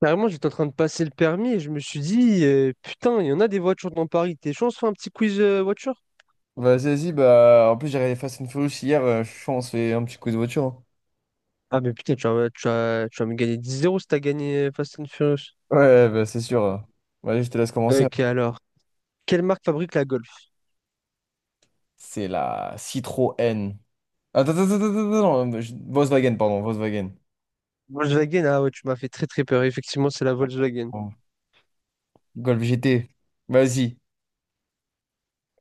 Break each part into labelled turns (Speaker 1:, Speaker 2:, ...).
Speaker 1: Carrément, j'étais en train de passer le permis et je me suis dit, putain, il y en a des voitures dans Paris. T'es chaud, on se fait un petit quiz voiture?
Speaker 2: Bah, vas-y, bah, en plus, j'ai regardé Fast and Furious hier, je pense qu'on se fait un petit coup de voiture, hein.
Speaker 1: Ah, mais putain, tu vas me gagner dix 0 si t'as gagné Fast and Furious.
Speaker 2: Ouais, bah, c'est sûr. Vas-y, je te laisse commencer,
Speaker 1: Ok,
Speaker 2: hein.
Speaker 1: alors, quelle marque fabrique la Golf?
Speaker 2: C'est la Citroën. Attends, attends, attends, attends, attends, non, Volkswagen, pardon, Volkswagen.
Speaker 1: Volkswagen, ah ouais, tu m'as fait très très peur. Effectivement, c'est la Volkswagen.
Speaker 2: Oh. Golf GT. Vas-y.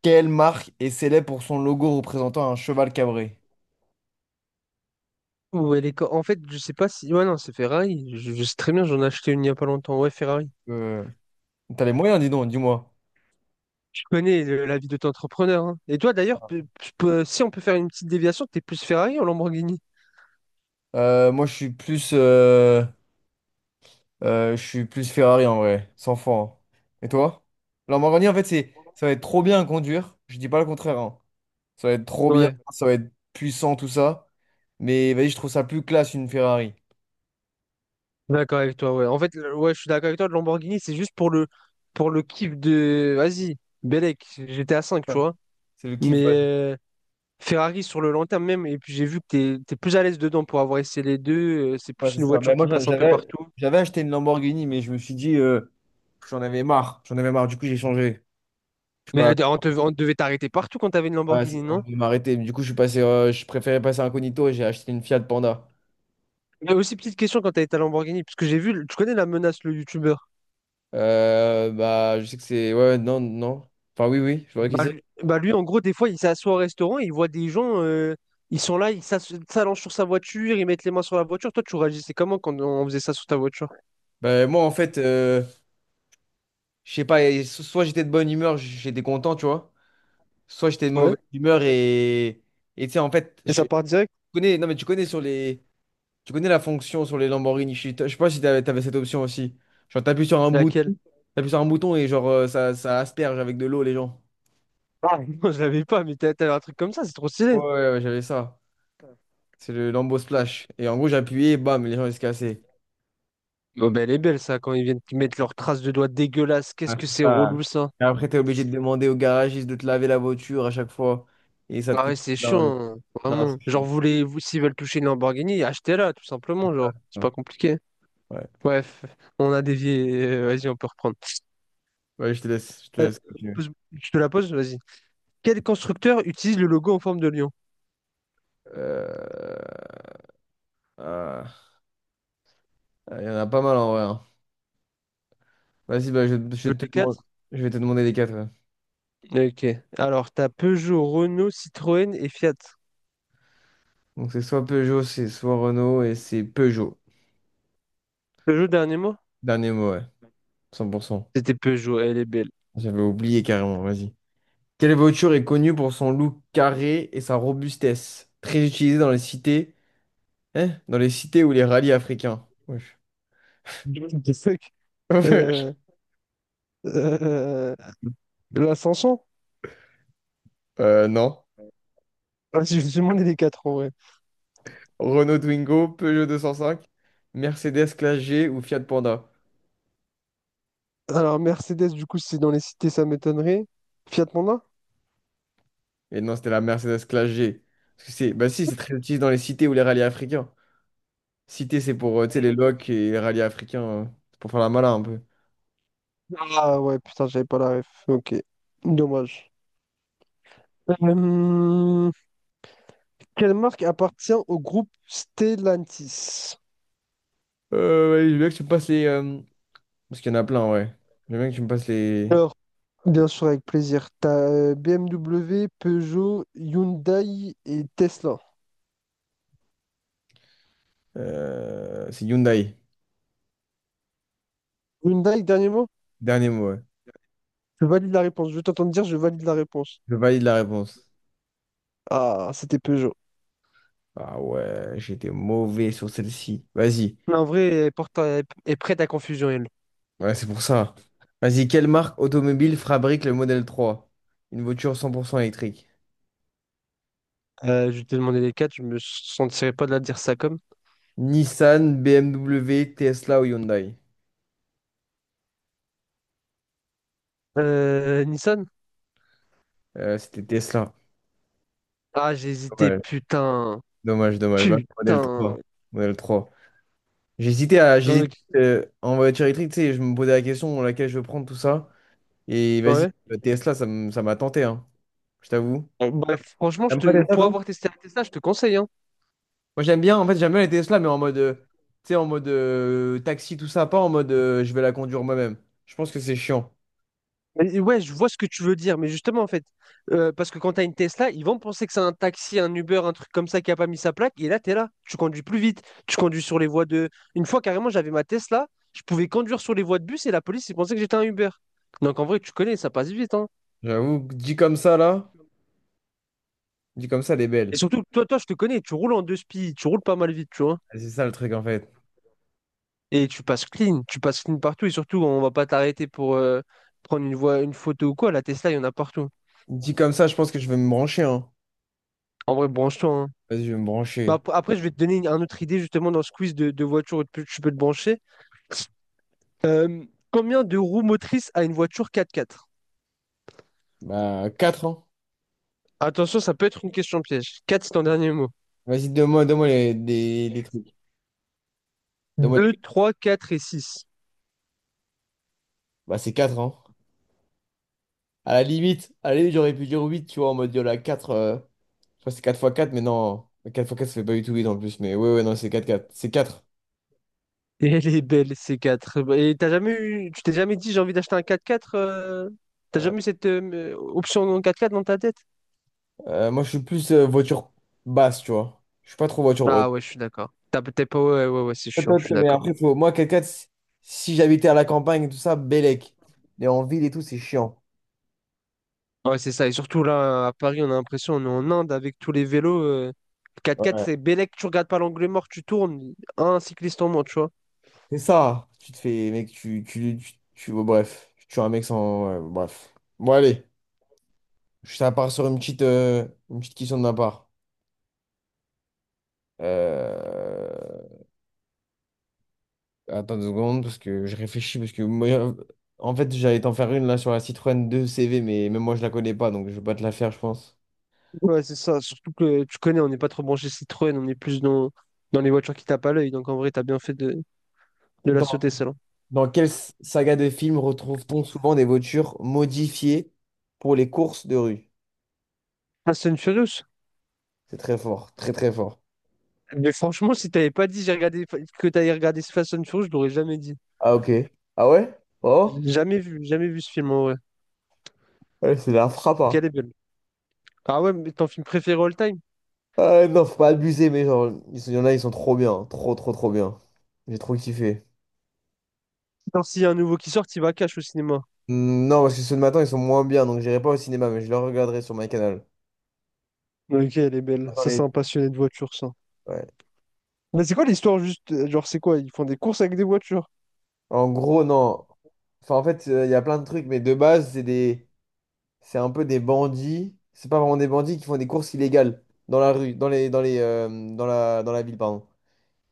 Speaker 2: Quelle marque est célèbre pour son logo représentant un cheval cabré?
Speaker 1: Ou elle est... co- En fait, je sais pas si. Ouais, non, c'est Ferrari. Je sais très bien, j'en ai acheté une il y a pas longtemps. Ouais, Ferrari.
Speaker 2: Euh, T'as les moyens, dis donc, dis-moi.
Speaker 1: Je connais la vie de ton entrepreneur, hein. Et toi, d'ailleurs, si on peut faire une petite déviation, t'es plus Ferrari ou Lamborghini?
Speaker 2: Moi, je suis plus, je suis plus Ferrari en vrai, sans fond. Et toi? La Lamborghini, en fait, ça va être trop bien à conduire. Je dis pas le contraire, hein. Ça va être trop bien,
Speaker 1: Ouais.
Speaker 2: ça va être puissant, tout ça. Mais vas-y, je trouve ça plus classe une Ferrari.
Speaker 1: D'accord avec toi, ouais. En fait, ouais, je suis d'accord avec toi, le Lamborghini, c'est juste pour le kiff de. Vas-y, Belek, j'étais à 5 tu
Speaker 2: Enfin,
Speaker 1: vois.
Speaker 2: c'est le
Speaker 1: Mais
Speaker 2: kiff, ouais.
Speaker 1: Ferrari sur le long terme même, et puis j'ai vu que t'es plus à l'aise dedans pour avoir essayé les deux. C'est
Speaker 2: Ouais,
Speaker 1: plus
Speaker 2: c'est
Speaker 1: une
Speaker 2: ça.
Speaker 1: voiture
Speaker 2: Ben,
Speaker 1: qui
Speaker 2: moi,
Speaker 1: passe un peu partout.
Speaker 2: j'avais acheté une Lamborghini, mais je me suis dit, j'en avais marre. J'en avais marre, du coup, j'ai changé. Je sais
Speaker 1: Mais
Speaker 2: pas,
Speaker 1: on devait t'arrêter partout quand t'avais une
Speaker 2: ouais,
Speaker 1: Lamborghini,
Speaker 2: on
Speaker 1: non?
Speaker 2: devait m'arrêter. Mais du coup, je suis passé, je préférais passer incognito et j'ai acheté une Fiat Panda.
Speaker 1: Mais aussi petite question quand t'as été à Lamborghini, parce que j'ai vu, tu connais la menace, le YouTuber.
Speaker 2: Bah, je sais que c'est. Ouais, non, non. Enfin, oui, oui, je vois qui
Speaker 1: Bah
Speaker 2: c'est.
Speaker 1: lui, bah lui, en gros, des fois, il s'assoit au restaurant et il voit des gens, ils sont là, ils s'allongent sur sa voiture, ils mettent les mains sur la voiture. Toi, tu réagissais comment quand on faisait ça sur ta voiture?
Speaker 2: Bah, moi, en fait, je sais pas, et soit j'étais de bonne humeur, j'étais content, tu vois. Soit j'étais de
Speaker 1: Ouais.
Speaker 2: mauvaise humeur et. Et tu sais, en fait,
Speaker 1: Et
Speaker 2: je
Speaker 1: ça
Speaker 2: tu
Speaker 1: part direct?
Speaker 2: connais. Non, mais tu connais sur les. Tu connais la fonction sur les Lamborghini. Je sais pas si t'avais cette option aussi. Genre, t'appuies sur un
Speaker 1: Laquelle?
Speaker 2: bouton. T'appuies sur un bouton et genre, ça asperge avec de l'eau les gens.
Speaker 1: Ah. Non, je l'avais pas, mais t'avais un truc comme ça, c'est trop
Speaker 2: Ouais,
Speaker 1: stylé.
Speaker 2: ouais, ouais, j'avais ça. C'est le Lambo Splash. Et en gros, j'appuyais, bam, les gens, ils se cassaient.
Speaker 1: Bon, ben, elle est belle, ça, quand ils viennent mettre leurs traces de doigts dégueulasses.
Speaker 2: Ah,
Speaker 1: Qu'est-ce
Speaker 2: c'est
Speaker 1: que c'est relou,
Speaker 2: ça.
Speaker 1: ça?
Speaker 2: Et après, tu es obligé de demander au garagiste de te laver la voiture à chaque fois. Et ça te
Speaker 1: Ah ouais,
Speaker 2: coûte.
Speaker 1: c'est
Speaker 2: Non,
Speaker 1: chiant, hein,
Speaker 2: non,
Speaker 1: vraiment.
Speaker 2: c'est
Speaker 1: Genre,
Speaker 2: chaud.
Speaker 1: voulez-vous, s'ils veulent toucher une Lamborghini, achetez-la, tout
Speaker 2: C'est
Speaker 1: simplement,
Speaker 2: ça,
Speaker 1: genre.
Speaker 2: c'est
Speaker 1: C'est
Speaker 2: ça.
Speaker 1: pas compliqué.
Speaker 2: Ouais.
Speaker 1: Bref, on a dévié. Vas-y, on peut reprendre.
Speaker 2: Ouais, je te laisse continuer.
Speaker 1: Je te la pose, vas-y. Quel constructeur utilise le logo en forme de lion?
Speaker 2: Euh, ah, Il y en a pas mal en vrai, hein. Vas-y, bah, je te
Speaker 1: Les
Speaker 2: demande...
Speaker 1: quatre?
Speaker 2: Je vais te demander les quatre, ouais.
Speaker 1: Ok. Alors, t'as Peugeot, Renault, Citroën et Fiat.
Speaker 2: Donc, c'est soit Peugeot, c'est soit Renault et c'est Peugeot.
Speaker 1: Peugeot, dernier mot?
Speaker 2: Dernier mot, ouais. 100%.
Speaker 1: C'était Peugeot, elle est belle.
Speaker 2: J'avais oublié carrément, vas-y. Quelle voiture est connue pour son look carré et sa robustesse? Très utilisée dans les cités. Eh, dans les cités ou les rallyes africains. Wesh.
Speaker 1: What the fuck? Euh, euh, L'ascension?
Speaker 2: Non.
Speaker 1: Ah, si, je me suis demandé les quatre en vrai.
Speaker 2: Renault Twingo, Peugeot 205, Mercedes Classe G ou Fiat Panda.
Speaker 1: Alors, Mercedes, du coup, c'est dans les cités, ça m'étonnerait. Fiat Panda?
Speaker 2: Et non, c'était la Mercedes Classe G. Parce que c'est, bah si, c'est très utilisé dans les cités ou les rallyes africains. Cité, c'est pour, tu sais, les locs et les rallyes africains, c'est pour faire la malin un peu.
Speaker 1: Ah ouais, putain, j'avais pas la ref. Ok. Dommage. Euh, Quelle marque appartient au groupe Stellantis?
Speaker 2: Ouais, je veux bien que tu me passes les... parce qu'il y en a plein, ouais. Je veux bien que tu me passes les...
Speaker 1: Alors, bien sûr, avec plaisir. Tu as BMW, Peugeot, Hyundai et Tesla.
Speaker 2: euh, c'est Hyundai.
Speaker 1: Hyundai, dernier mot?
Speaker 2: Dernier mot, ouais.
Speaker 1: Je valide la réponse. Je t'entends dire, je valide la réponse.
Speaker 2: Je valide la réponse.
Speaker 1: Ah, c'était Peugeot.
Speaker 2: Ah ouais, j'étais mauvais sur celle-ci. Vas-y.
Speaker 1: Mais en vrai, elle elle est prête à confusion, elle.
Speaker 2: Ouais, c'est pour ça. Vas-y, quelle marque automobile fabrique le modèle 3? Une voiture 100% électrique.
Speaker 1: Je t'ai demandé les quatre, je me sentirais pas de la dire ça comme.
Speaker 2: Nissan, BMW, Tesla ou Hyundai?
Speaker 1: Nissan?
Speaker 2: C'était Tesla.
Speaker 1: Ah, j'ai hésité,
Speaker 2: Dommage,
Speaker 1: putain.
Speaker 2: dommage, dommage. Va, modèle
Speaker 1: Putain.
Speaker 2: 3. Modèle 3. J'hésitais
Speaker 1: Ok,
Speaker 2: en voiture électrique, tu sais, je me posais la question laquelle je veux prendre tout ça. Et vas-y,
Speaker 1: ouais.
Speaker 2: Tesla, ça m'a tenté, hein. Je t'avoue.
Speaker 1: Bref, franchement,
Speaker 2: T'aimes pas Tesla,
Speaker 1: pour
Speaker 2: toi?
Speaker 1: avoir testé la Tesla, je te conseille, hein.
Speaker 2: Moi j'aime bien, en fait j'aime bien les Tesla, mais en mode, tu sais, en mode taxi, tout ça, pas en mode je vais la conduire moi-même. Je pense que c'est chiant.
Speaker 1: Ouais, je vois ce que tu veux dire, mais justement, en fait, parce que quand tu as une Tesla, ils vont penser que c'est un taxi, un Uber, un truc comme ça qui a pas mis sa plaque, et là, tu es là, tu conduis plus vite, tu conduis sur les voies de... Une fois, carrément, j'avais ma Tesla, je pouvais conduire sur les voies de bus, et la police, ils pensaient que j'étais un Uber. Donc, en vrai, tu connais, ça passe vite, hein.
Speaker 2: J'avoue, que dit comme ça là, dit comme ça, elle est
Speaker 1: Et
Speaker 2: belle.
Speaker 1: surtout, toi, toi, je te connais, tu roules en deux spies, tu roules pas mal vite, tu vois.
Speaker 2: Et c'est ça le truc en fait.
Speaker 1: Et tu passes clean partout, et surtout, on va pas t'arrêter pour prendre une voie, une photo ou quoi, la Tesla, il y en a partout.
Speaker 2: Dit comme ça, je pense que je vais me brancher, hein.
Speaker 1: En vrai, branche-toi, hein.
Speaker 2: Vas-y, je vais me
Speaker 1: Bah,
Speaker 2: brancher.
Speaker 1: après, je vais te donner un autre idée justement dans ce quiz de voiture où tu peux te brancher. Euh, Combien de roues motrices a une voiture 4x4?
Speaker 2: Bah, quatre ans.
Speaker 1: Attention, ça peut être une question piège. 4, c'est ton dernier mot.
Speaker 2: Vas-y, donne-moi des trucs. Donne-moi
Speaker 1: 2,
Speaker 2: les-
Speaker 1: 3, 4 et 6.
Speaker 2: bah, c'est 4 ans. À la limite, j'aurais pu dire 8, tu vois, en mode il y en a 4. Je crois que c'est quatre fois quatre, mais non. Quatre fois 4 ça fait pas du tout huit en plus. Mais ouais, ouais, non, c'est 4 4, c'est quatre.
Speaker 1: Et elle est belle, ces 4. Et t'as jamais eu, tu t'es jamais dit j'ai envie d'acheter un 4x4. T'as
Speaker 2: Euh,
Speaker 1: jamais eu cette option en 4x4 dans ta tête?
Speaker 2: moi, je suis plus voiture basse, tu vois. Je suis pas trop voiture
Speaker 1: Ah
Speaker 2: haute.
Speaker 1: ouais, je suis d'accord. T'as peut-être pas. Ouais, ouais, ouais, c'est chiant, je suis
Speaker 2: Peut-être, mais
Speaker 1: d'accord.
Speaker 2: après, faut... moi, 4 4, si j'habitais à la campagne et tout ça, bellec. Mais en ville et tout, c'est chiant.
Speaker 1: Ouais, c'est ça. Et surtout là, à Paris, on a l'impression, on est en Inde avec tous les vélos. Quatre x
Speaker 2: Ouais.
Speaker 1: c'est Bélec, tu regardes pas l'angle mort, tu tournes, un cycliste en moins, tu vois.
Speaker 2: C'est ça. Tu te fais, mec, oh, bref. Tu tues un mec sans. Ouais, bref. Bon, allez. Ça part sur une petite question de ma part. Euh, Attends 2 secondes, parce que je réfléchis, parce que moi, en fait, j'allais t'en faire une là sur la Citroën 2 CV, mais même moi, je la connais pas, donc je vais pas te la faire, je pense.
Speaker 1: Ouais, c'est ça. Surtout que tu connais, on n'est pas trop branché Citroën, on est plus dans les voitures qui tapent à l'œil. Donc en vrai, t'as bien fait de la
Speaker 2: Dans,
Speaker 1: sauter, celle-là.
Speaker 2: dans quelle saga de films retrouve-t-on souvent des voitures modifiées pour les courses de rue?
Speaker 1: Fast and Furious?
Speaker 2: C'est très fort, très très fort.
Speaker 1: Mais franchement, si t'avais pas dit que t'avais regardé ce Fast and Furious, je l'aurais jamais dit.
Speaker 2: Ah, ok. Ah ouais? Oh?
Speaker 1: Jamais vu, jamais vu ce film, en vrai.
Speaker 2: Ouais, c'est la frappe,
Speaker 1: Ok,
Speaker 2: hein.
Speaker 1: elle est belle. Ah ouais, mais ton film préféré all time?
Speaker 2: Non, faut pas abuser, mais genre, il y en a, ils sont trop bien, trop trop trop bien. J'ai trop kiffé.
Speaker 1: Attends, s'il y a un nouveau qui sort, il va cash au cinéma.
Speaker 2: Hmm, non, parce que ceux de matin, ils sont moins bien, donc j'irai pas au cinéma, mais je les regarderai sur ma canal.
Speaker 1: Ok, elle est belle.
Speaker 2: Attends,
Speaker 1: Ça, c'est un passionné de voiture, ça.
Speaker 2: ouais.
Speaker 1: Mais c'est quoi l'histoire juste? Genre, c'est quoi? Ils font des courses avec des voitures.
Speaker 2: En gros, non. Enfin, en fait, il y a plein de trucs, mais de base, c'est des... c'est un peu des bandits. C'est pas vraiment des bandits qui font des courses illégales dans la rue, dans les, dans la ville, pardon.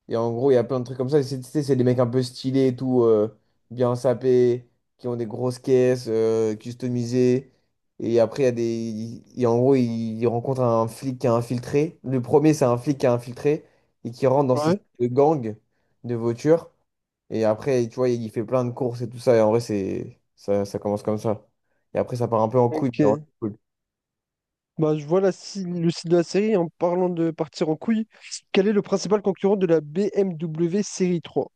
Speaker 2: Et en gros, il y a plein de trucs comme ça. C'est tu sais, c'est des mecs un peu stylés et tout, bien sapés, qui ont des grosses caisses, customisées. Et après, il y a des. Et en gros, ils rencontrent un flic qui a infiltré. Le premier, c'est un flic qui a infiltré et qui rentre dans ces
Speaker 1: Ouais.
Speaker 2: gangs de voitures. Et après, tu vois, il fait plein de courses et tout ça. Et en vrai, c'est ça, ça commence comme ça. Et après, ça part un peu en couille, mais en vrai,
Speaker 1: Ok.
Speaker 2: c'est cool.
Speaker 1: Bah, je vois la, si- le site de la série en parlant de partir en couille. Quel est le principal concurrent de la BMW série 3?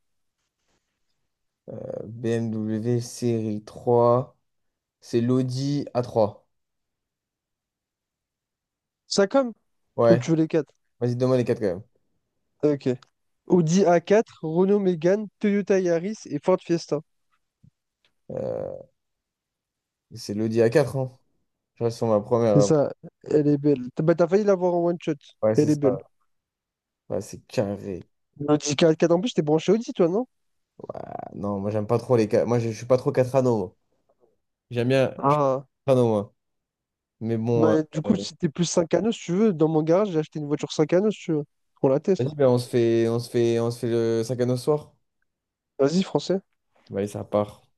Speaker 2: BMW série 3, c'est l'Audi A3.
Speaker 1: Sacom? Ou
Speaker 2: Ouais.
Speaker 1: tu veux les quatre?
Speaker 2: Vas-y, donne-moi les quatre quand même.
Speaker 1: Ok. Audi A4, Renault Mégane, Toyota Yaris et Ford Fiesta.
Speaker 2: Euh, c'est l'Audi A4, hein. Je reste sur ma première.
Speaker 1: C'est
Speaker 2: euh,
Speaker 1: ça, elle est belle. T'as Bah, t'as failli l'avoir en one shot.
Speaker 2: Ouais, c'est
Speaker 1: Elle est belle.
Speaker 2: ça. Ouais, c'est carré.
Speaker 1: Audi A4, en plus, t'es branché Audi, toi, non?
Speaker 2: Ouah, non, moi, j'aime pas trop les 4. Moi, je suis pas trop 4 anneaux, moi. J'aime bien. Je suis
Speaker 1: Ah.
Speaker 2: 4 anneaux, moi. Mais bon,
Speaker 1: Bah, du coup,
Speaker 2: euh,
Speaker 1: si t'es plus 5 anneaux, si tu veux, dans mon garage, j'ai acheté une voiture 5 anneaux, si tu veux. On la teste.
Speaker 2: vas-y, ben, on se fait le 5 anneaux ce soir.
Speaker 1: Vas-y, français.
Speaker 2: Bah, allez, ça part.